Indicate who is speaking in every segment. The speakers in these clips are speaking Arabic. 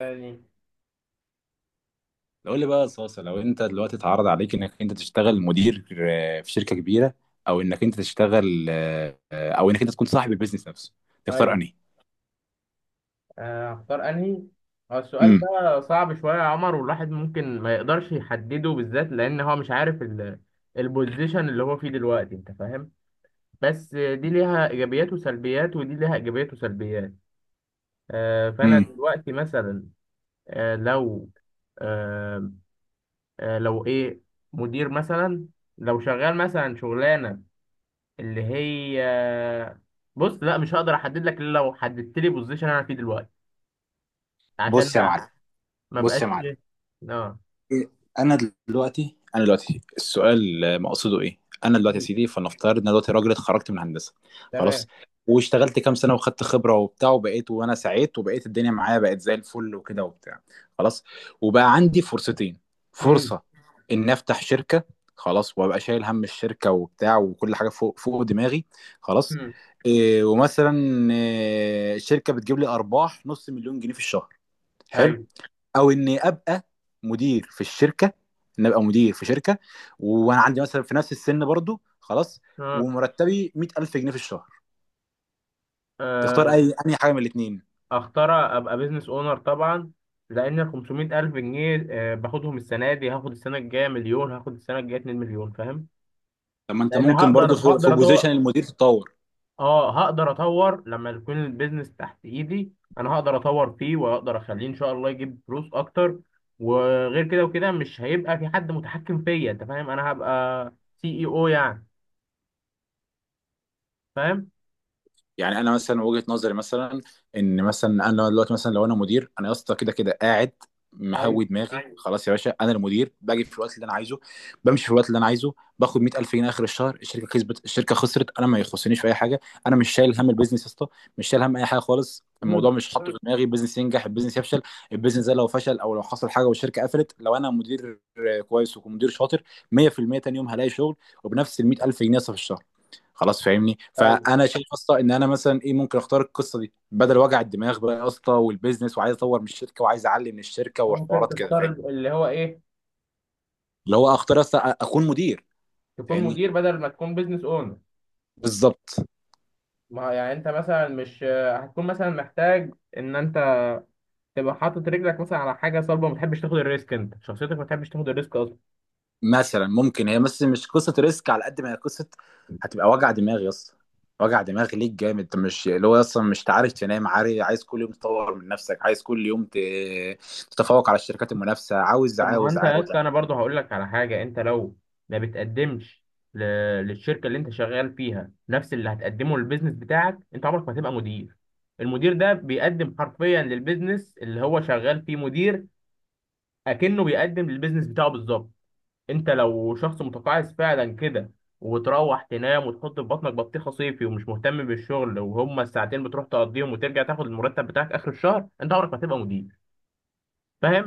Speaker 1: يعني،
Speaker 2: لو لي بقى صاصة، لو انت دلوقتي اتعرض عليك انك انت تشتغل مدير في شركة كبيرة، او انك انت تشتغل او انك انت تكون صاحب البيزنس نفسه، تختار
Speaker 1: ايوه،
Speaker 2: انهي؟
Speaker 1: هختار انهي؟ هو السؤال
Speaker 2: امم
Speaker 1: ده صعب شويه يا عمر، والواحد ممكن ما يقدرش يحدده بالذات لان هو مش عارف البوزيشن اللي هو فيه دلوقتي، انت فاهم؟ بس دي ليها ايجابيات وسلبيات، ودي ليها ايجابيات وسلبيات. فانا
Speaker 2: امم
Speaker 1: دلوقتي مثلا، لو آه، لو ايه، مدير مثلا، لو شغال مثلا شغلانه اللي هي بص، لا، مش هقدر احدد لك الا لو حددت لي بوزيشن انا فيه دلوقتي، عشان
Speaker 2: بص يا معلم.
Speaker 1: ما
Speaker 2: بص يا
Speaker 1: بقاش
Speaker 2: معلم
Speaker 1: ايه. اه.
Speaker 2: إيه، انا انا دلوقتي السؤال مقصده ايه. انا دلوقتي يا
Speaker 1: مم.
Speaker 2: سيدي فلنفترض ان أنا دلوقتي راجل اتخرجت من هندسه، خلاص،
Speaker 1: تمام.
Speaker 2: واشتغلت كام سنه وخدت خبره وبتاع وبقيت، وانا سعيت وبقيت الدنيا معايا بقت زي الفل وكده وبتاع. خلاص، وبقى عندي فرصتين.
Speaker 1: مم.
Speaker 2: فرصه ان افتح شركه، خلاص، وابقى شايل هم الشركه وبتاع وكل حاجه فوق دماغي، خلاص.
Speaker 1: مم.
Speaker 2: إيه ومثلا إيه، الشركه بتجيب لي ارباح 500000 جنيه في الشهر، حلو.
Speaker 1: ايوه.
Speaker 2: او اني ابقى مدير في الشركه، ان ابقى مدير في شركه، وانا عندي مثلا في نفس السن برضو، خلاص،
Speaker 1: اه.
Speaker 2: ومرتبي 100000 جنيه في الشهر. تختار
Speaker 1: آه،
Speaker 2: اي؟ انهي حاجه من الاثنين؟
Speaker 1: اختار ابقى بيزنس اونر طبعا. لان ال 500 الف جنيه باخدهم السنه دي، هاخد السنه الجايه مليون، هاخد السنه الجايه 2 مليون، فاهم؟
Speaker 2: طب ما انت
Speaker 1: لان
Speaker 2: ممكن برضو
Speaker 1: هقدر
Speaker 2: في
Speaker 1: هقدر
Speaker 2: بوزيشن
Speaker 1: اطور.
Speaker 2: المدير تتطور.
Speaker 1: اه، هقدر اطور لما يكون البيزنس تحت ايدي، انا هقدر اطور فيه واقدر اخليه ان شاء الله يجيب فلوس اكتر. وغير كده وكده مش هيبقى في حد متحكم فيا. انت فاهم؟ انا هبقى سي اي او يعني. فاهم؟
Speaker 2: يعني انا مثلا وجهة نظري مثلا، ان مثلا انا دلوقتي مثلا لو انا مدير، انا يا اسطى كده كده قاعد
Speaker 1: ايوه.
Speaker 2: مهوي دماغي، أيوة، خلاص. يا باشا انا المدير باجي في الوقت اللي انا عايزه، بمشي في الوقت اللي انا عايزه، باخد 100000 جنيه اخر الشهر. الشركه كسبت، الشركه خسرت، انا ما يخصنيش في اي حاجه. انا مش شايل هم البيزنس يا اسطى، مش شايل هم اي حاجه خالص، الموضوع مش حاطه في دماغي. البيزنس ينجح، البيزنس يفشل، البيزنس ده لو فشل او لو حصل حاجه والشركه قفلت، لو انا مدير كويس ومدير شاطر، 100% تاني يوم هلاقي شغل، وبنفس ال 100000 جنيه يا اسطى في الشهر، خلاص، فاهمني.
Speaker 1: ايوه،
Speaker 2: فانا شايف اصلا ان انا مثلا ايه ممكن اختار القصه دي بدل وجع الدماغ بقى يا اسطى، والبيزنس، وعايز اطور من الشركه، وعايز اعلي من الشركه،
Speaker 1: ممكن
Speaker 2: وحوارات كده،
Speaker 1: تفترض
Speaker 2: فاهمني؟
Speaker 1: اللي هو ايه،
Speaker 2: اللي هو اختار اصلا اكون مدير،
Speaker 1: تكون
Speaker 2: فاهمني؟
Speaker 1: مدير بدل ما تكون بيزنس اونر.
Speaker 2: بالظبط.
Speaker 1: ما هو يعني انت مثلا مش هتكون مثلا محتاج ان انت تبقى حاطط رجلك مثلا على حاجه صلبه. ما بتحبش تاخد الريسك، انت شخصيتك ما بتحبش تاخد الريسك اصلا.
Speaker 2: مثلا ممكن هي بس مش قصه ريسك على قد ما هي قصه هتبقى وجع دماغ يا اسطى، وجع دماغ ليك جامد. انت مش اللي هو اصلا مش عارف تنام، عارف، عايز كل يوم تطور من نفسك، عايز كل يوم تتفوق على الشركات المنافسه، عاوز
Speaker 1: طب، ما هو
Speaker 2: عاوز
Speaker 1: انت يا
Speaker 2: عاوز.
Speaker 1: اسطى، انا برضه هقول لك على حاجه. انت لو ما بتقدمش ل- للشركه اللي انت شغال فيها نفس اللي هتقدمه للبيزنس بتاعك، انت عمرك ما هتبقى مدير. المدير ده بيقدم حرفيا للبيزنس اللي هو شغال فيه مدير، اكنه بيقدم للبيزنس بتاعه بالظبط. انت لو شخص متقاعس فعلا كده، وتروح تنام وتحط في بطنك بطيخه صيفي ومش مهتم بالشغل، وهما الساعتين بتروح تقضيهم وترجع تاخد المرتب بتاعك اخر الشهر، انت عمرك ما هتبقى مدير.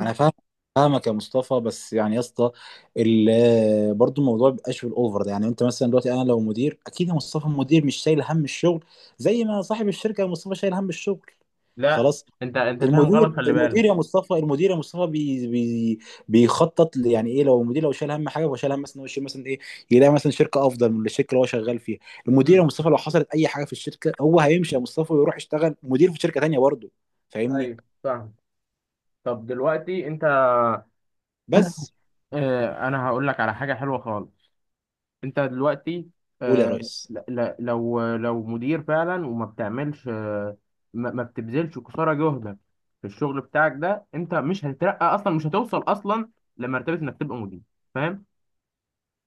Speaker 2: انا فاهم. فاهمك يا مصطفى، بس يعني يا اسطى ال- برضو الموضوع بيبقاش بالاوفر ده. يعني انت مثلا دلوقتي انا لو مدير، اكيد يا مصطفى المدير مش شايل هم الشغل زي ما صاحب الشركه يا مصطفى شايل هم الشغل،
Speaker 1: لا،
Speaker 2: خلاص.
Speaker 1: انت فاهم غلط،
Speaker 2: المدير
Speaker 1: خلي بالك.
Speaker 2: المدير يا مصطفى المدير يا مصطفى بي بي يعني ايه، لو المدير لو شايل هم حاجه هو شايل هم مثلا إن هو يشيل مثلا ايه، يلاقي مثلا شركه افضل من الشركه اللي هو شغال فيها. المدير يا
Speaker 1: امم.
Speaker 2: مصطفى لو حصلت اي حاجه في الشركه هو هيمشي يا مصطفى ويروح يشتغل مدير في شركه تانيه برضه، فاهمني؟
Speaker 1: ايوه، فاهم. طب دلوقتي انت.
Speaker 2: بس
Speaker 1: اه، انا هقول لك على حاجه حلوه خالص. انت دلوقتي
Speaker 2: قول يا ريس.
Speaker 1: لو مدير فعلا وما بتعملش ما بتبذلش قصارى جهدك في الشغل بتاعك ده، انت مش هتترقى اصلا، مش هتوصل اصلا لمرتبه انك تبقى مدير. فاهم؟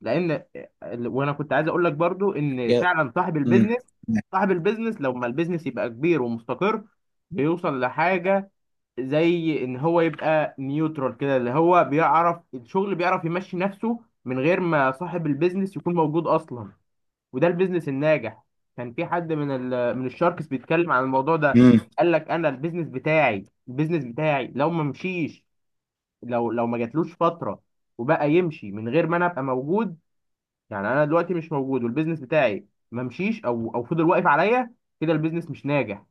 Speaker 1: لان وانا كنت عايز اقول لك برضو ان فعلا صاحب البيزنس،
Speaker 2: امم
Speaker 1: صاحب البيزنس لو ما البيزنس يبقى كبير ومستقر بيوصل لحاجه زي ان هو يبقى نيوترال كده، اللي هو بيعرف الشغل، بيعرف يمشي نفسه من غير ما صاحب البيزنس يكون موجود اصلا. وده البيزنس الناجح. كان في حد من الشاركس بيتكلم عن الموضوع ده.
Speaker 2: امم
Speaker 1: قال لك انا البيزنس بتاعي، البيزنس بتاعي لو ما مشيش، لو ما جاتلوش فتره وبقى يمشي من غير ما انا ابقى موجود. يعني انا دلوقتي مش موجود والبيزنس بتاعي ما مشيش او فضل واقف عليا، كده البيزنس مش ناجح.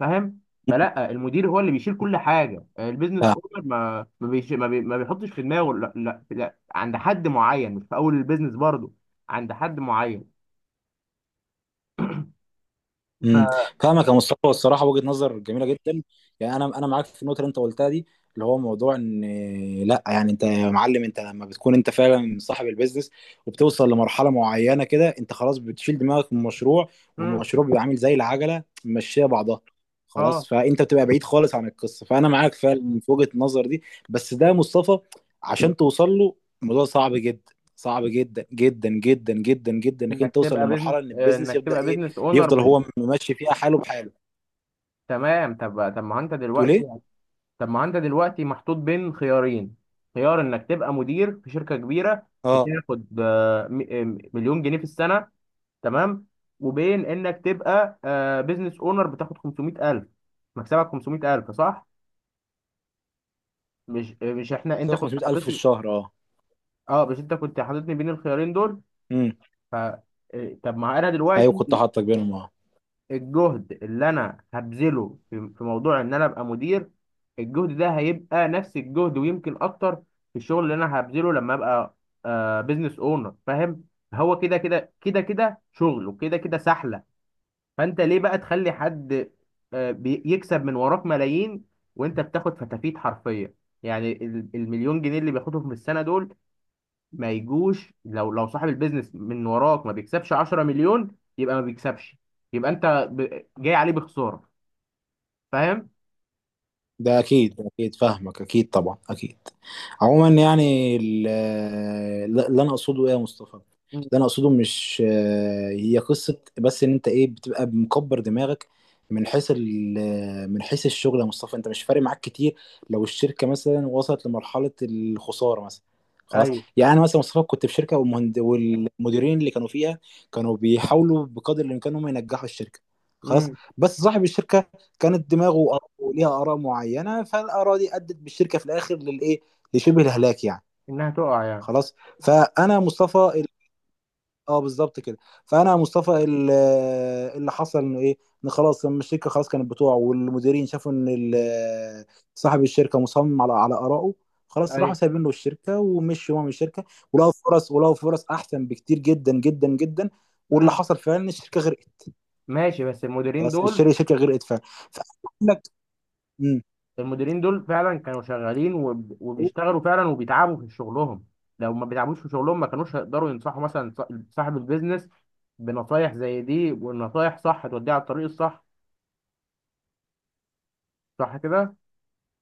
Speaker 1: فاهم؟ فلا، المدير هو اللي بيشيل كل حاجه. البيزنس
Speaker 2: فاهم.
Speaker 1: اونر ما ما, بيش ما, بي ما بيحطش في دماغه لا، لا، لا، عند حد معين، مش في اول البيزنس برضه، عند حد معين. ف...
Speaker 2: امم فاهمك يا مصطفى، الصراحه وجهه نظر جميله جدا. يعني انا معاك في النقطه اللي انت قلتها دي، اللي هو موضوع ان لا، يعني انت يا معلم انت لما بتكون انت فعلا صاحب البيزنس وبتوصل لمرحله معينه كده انت خلاص بتشيل دماغك من المشروع،
Speaker 1: مم.
Speaker 2: والمشروع بيبقى عامل زي العجله ماشيه بعضها، خلاص.
Speaker 1: اه،
Speaker 2: فانت بتبقى بعيد خالص عن القصه، فانا معاك فعلا في وجهه النظر دي. بس ده يا مصطفى، عشان توصل له، الموضوع صعب جدا، صعب جدا جدا جدا جدا جدا انك انت توصل لمرحله ان البيزنس
Speaker 1: انك
Speaker 2: يبدا
Speaker 1: تبقى
Speaker 2: ايه،
Speaker 1: بيزنس اونر،
Speaker 2: يفضل
Speaker 1: مش؟
Speaker 2: هو ماشي فيها حاله بحاله.
Speaker 1: تمام. طب طب ما انت
Speaker 2: تقول ايه؟
Speaker 1: دلوقتي طب ما انت دلوقتي محطوط بين خيارين. خيار انك تبقى مدير في شركة كبيرة،
Speaker 2: اه،
Speaker 1: بتاخد مليون جنيه في السنة، تمام، وبين انك تبقى بيزنس اونر بتاخد 500,000. مكسبك 500,000، صح؟ مش مش احنا، انت كنت
Speaker 2: 500000 في
Speaker 1: حاططني.
Speaker 2: الشهر، اه.
Speaker 1: اه، مش انت كنت حاططني بين الخيارين دول؟
Speaker 2: امم.
Speaker 1: ف آه، طب، ما انا
Speaker 2: ايوه كنت
Speaker 1: دلوقتي
Speaker 2: حاطك بينهم، اه.
Speaker 1: الجهد اللي انا هبذله في موضوع ان انا ابقى مدير، الجهد ده هيبقى نفس الجهد ويمكن اكتر في الشغل اللي انا هبذله لما ابقى بزنس اونر. فاهم؟ هو كده كده كده كده شغل، وكده كده سحلة. فانت ليه بقى تخلي حد يكسب من وراك ملايين وانت بتاخد فتافيت حرفيا؟ يعني المليون جنيه اللي بياخدهم في السنة دول ما يجوش. لو صاحب البيزنس من وراك ما بيكسبش 10 مليون، يبقى ما بيكسبش، يبقى انت جاي عليه بخساره. فاهم؟
Speaker 2: ده اكيد، ده اكيد فاهمك، اكيد طبعا، اكيد. عموما يعني اللي انا اقصده ايه يا مصطفى، اللي
Speaker 1: مم.
Speaker 2: انا اقصده مش هي قصه بس ان انت ايه بتبقى مكبر دماغك من حيث من حيث الشغل يا مصطفى، انت مش فارق معاك كتير لو الشركه مثلا وصلت لمرحله الخساره مثلا، خلاص.
Speaker 1: ايوه.
Speaker 2: يعني أنا مثلا مصطفى كنت في شركه، والمهند والمديرين اللي كانوا فيها كانوا بيحاولوا بقدر الامكان هم ينجحوا الشركه، خلاص.
Speaker 1: مم.
Speaker 2: بس صاحب الشركه كانت دماغه وليها اراء معينه، فالاراء دي ادت بالشركه في الاخر للايه، لشبه الهلاك يعني،
Speaker 1: انها تقع يعني.
Speaker 2: خلاص. فانا مصطفى ال... اه بالظبط كده. فانا مصطفى اللي حصل انه ايه، ان خلاص لما الشركه خلاص كانت بتوع والمديرين شافوا ان صاحب الشركه مصمم على ارائه، خلاص، راحوا
Speaker 1: ايوه.
Speaker 2: سايبين له الشركه ومشوا هو من الشركه، ولقوا فرص، ولقوا فرص احسن بكتير جدا جدا جدا. واللي
Speaker 1: مم.
Speaker 2: حصل فعلا ان الشركه غرقت.
Speaker 1: ماشي، بس المديرين
Speaker 2: خلاص
Speaker 1: دول،
Speaker 2: الشركه غرقت فعلا. فأقول لك إمم.
Speaker 1: المديرين دول فعلا كانوا شغالين وبيشتغلوا فعلا وبيتعبوا في شغلهم. لو ما بيتعبوش في شغلهم ما كانوش هيقدروا ينصحوا مثلا صاحب البيزنس بنصايح زي دي، والنصايح صح توديه على الطريق الصح. صح كده؟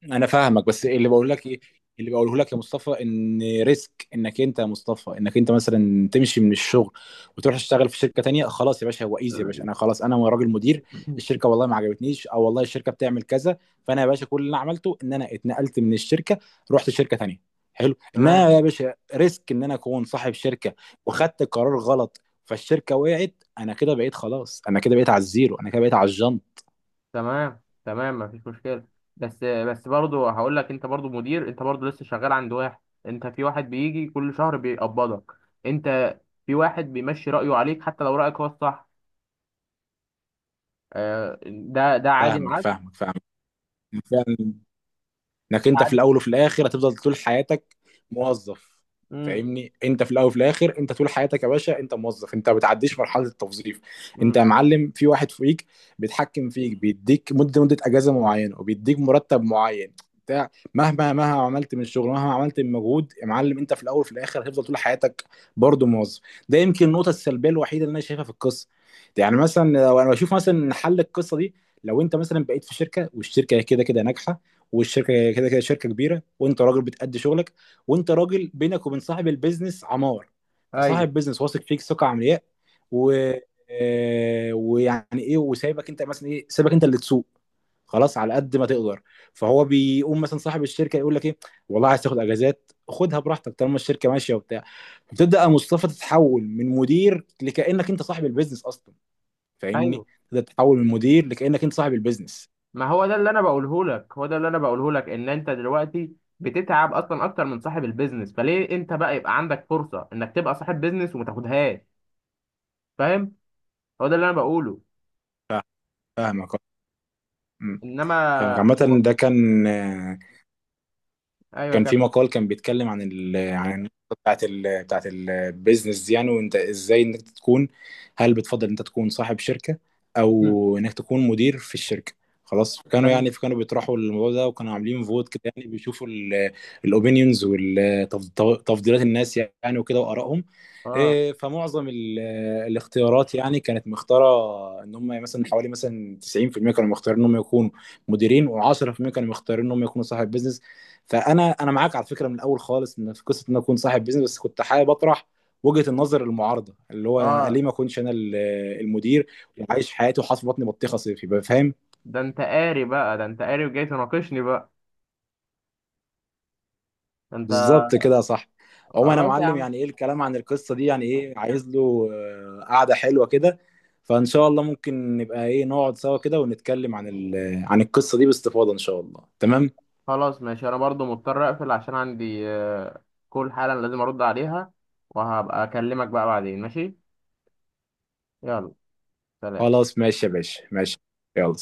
Speaker 2: انا فاهمك. بس اللي بقول لك ايه، اللي بقوله لك يا مصطفى، ان ريسك انك انت يا مصطفى انك انت مثلا تمشي من الشغل وتروح تشتغل في شركه تانية، خلاص يا باشا، هو ايزي يا باشا، انا خلاص انا راجل مدير،
Speaker 1: مم.
Speaker 2: الشركه والله ما عجبتنيش، او والله الشركه بتعمل كذا، فانا يا باشا كل اللي انا عملته ان انا اتنقلت من الشركه، رحت شركه تانية، حلو.
Speaker 1: تمام
Speaker 2: انا يا باشا ريسك ان انا اكون صاحب شركه وخدت قرار غلط فالشركه وقعت، انا كده بقيت خلاص، انا كده بقيت على الزيرو، انا كده بقيت على الجنب.
Speaker 1: تمام تمام، مفيش مشكلة. بس برضه هقول لك، انت برضه مدير، انت برضه لسه شغال عند واحد. انت في واحد بيجي كل شهر بيقبضك. انت في واحد بيمشي رأيه عليك حتى لو رأيك هو الصح. ده عادي
Speaker 2: فاهمك
Speaker 1: معاك،
Speaker 2: فاهمك فاهمك. يعني فعلا، انك
Speaker 1: ده
Speaker 2: انت في
Speaker 1: عادي.
Speaker 2: الاول وفي الاخر هتفضل طول حياتك موظف،
Speaker 1: امم،
Speaker 2: فاهمني؟ انت في الاول وفي الاخر انت طول حياتك يا باشا انت موظف، انت ما بتعديش مرحله التوظيف. انت
Speaker 1: امم.
Speaker 2: يا معلم في واحد فوقيك بيتحكم فيك، بيديك مده اجازه معينه، وبيديك مرتب معين، بتاع. مهما عملت من الشغل، مهما عملت من مجهود يا معلم، انت في الاول وفي الاخر هتفضل طول حياتك برضه موظف. ده يمكن النقطه السلبيه الوحيده اللي انا شايفها في القصه دي. يعني مثلا لو انا بشوف مثلا إن حل القصه دي، لو انت مثلا بقيت في شركه والشركه كده كده ناجحه، والشركه كده كده شركه كبيره، وانت راجل بتأدي شغلك، وانت راجل بينك وبين صاحب البيزنس عمار،
Speaker 1: ايوه،
Speaker 2: فصاحب بيزنس واثق فيك ثقه عمياء، و ويعني ايه، وسايبك انت مثلا ايه، سايبك انت اللي تسوق، خلاص، على قد ما تقدر. فهو بيقوم مثلا صاحب الشركه يقول لك ايه، والله عايز تاخد اجازات خدها براحتك طالما الشركه ماشيه وبتاع، بتبدا يا مصطفى تتحول من مدير لكانك انت صاحب البيزنس اصلا، فاهمني؟
Speaker 1: ايوه.
Speaker 2: تبدا تتحول من مدير لكانك انت صاحب البيزنس.
Speaker 1: ما هو ده اللي انا بقوله لك، هو ده اللي انا بقوله لك، ان انت دلوقتي بتتعب اصلا اكتر من صاحب البيزنس. فليه انت بقى يبقى عندك فرصة انك تبقى صاحب بيزنس وما تاخدهاش؟ فاهم؟ هو ده اللي انا بقوله.
Speaker 2: فاهمك. أه.
Speaker 1: انما.
Speaker 2: فاهمك. عامة
Speaker 1: هو،
Speaker 2: ده كان،
Speaker 1: ايوه،
Speaker 2: كان في
Speaker 1: كمل.
Speaker 2: مقال كان بيتكلم عن عن النقطة بتاعت بتاعت البيزنس دي يعني، وانت ازاي انك تكون، هل بتفضل انت تكون صاحب شركة
Speaker 1: مم.
Speaker 2: او انك تكون مدير في الشركة. خلاص
Speaker 1: ده
Speaker 2: كانوا
Speaker 1: انت
Speaker 2: يعني كانوا بيطرحوا الموضوع ده، وكانوا عاملين فوت كده، يعني بيشوفوا الاوبينيونز وتفضيلات الناس يعني وكده وارائهم.
Speaker 1: اه،
Speaker 2: فمعظم الاختيارات يعني كانت مختاره ان هم مثلا حوالي مثلا 90% كانوا مختارين ان هم يكونوا مديرين، و10% كانوا مختارين ان هم يكونوا صاحب بيزنس. فانا معاك على فكره من الاول خالص ان في قصه ان انا اكون صاحب بيزنس، بس كنت حابب اطرح وجهه النظر المعارضه، اللي هو انا
Speaker 1: اه،
Speaker 2: ليه ما اكونش انا المدير، وعايش حياتي وحاطط في بطني بطيخه صيفي، يبقى فاهم؟
Speaker 1: ده انت قاري بقى، ده انت قاري وجاي تناقشني بقى. ده انت.
Speaker 2: بالظبط كده يا صاحبي. عموما انا
Speaker 1: خلاص يا
Speaker 2: معلم،
Speaker 1: عم.
Speaker 2: يعني ايه، الكلام عن القصه دي يعني ايه، عايز له قعده حلوه كده، فان شاء الله ممكن نبقى ايه نقعد سوا كده ونتكلم عن عن القصه دي باستفاضه ان شاء الله، تمام.
Speaker 1: خلاص ماشي، انا برضو مضطر اقفل عشان عندي كل حالا لازم ارد عليها، وهبقى اكلمك بقى بعدين. ماشي؟ يلا، سلام.
Speaker 2: خلاص ماشي يا باشا، ماشي، يلا.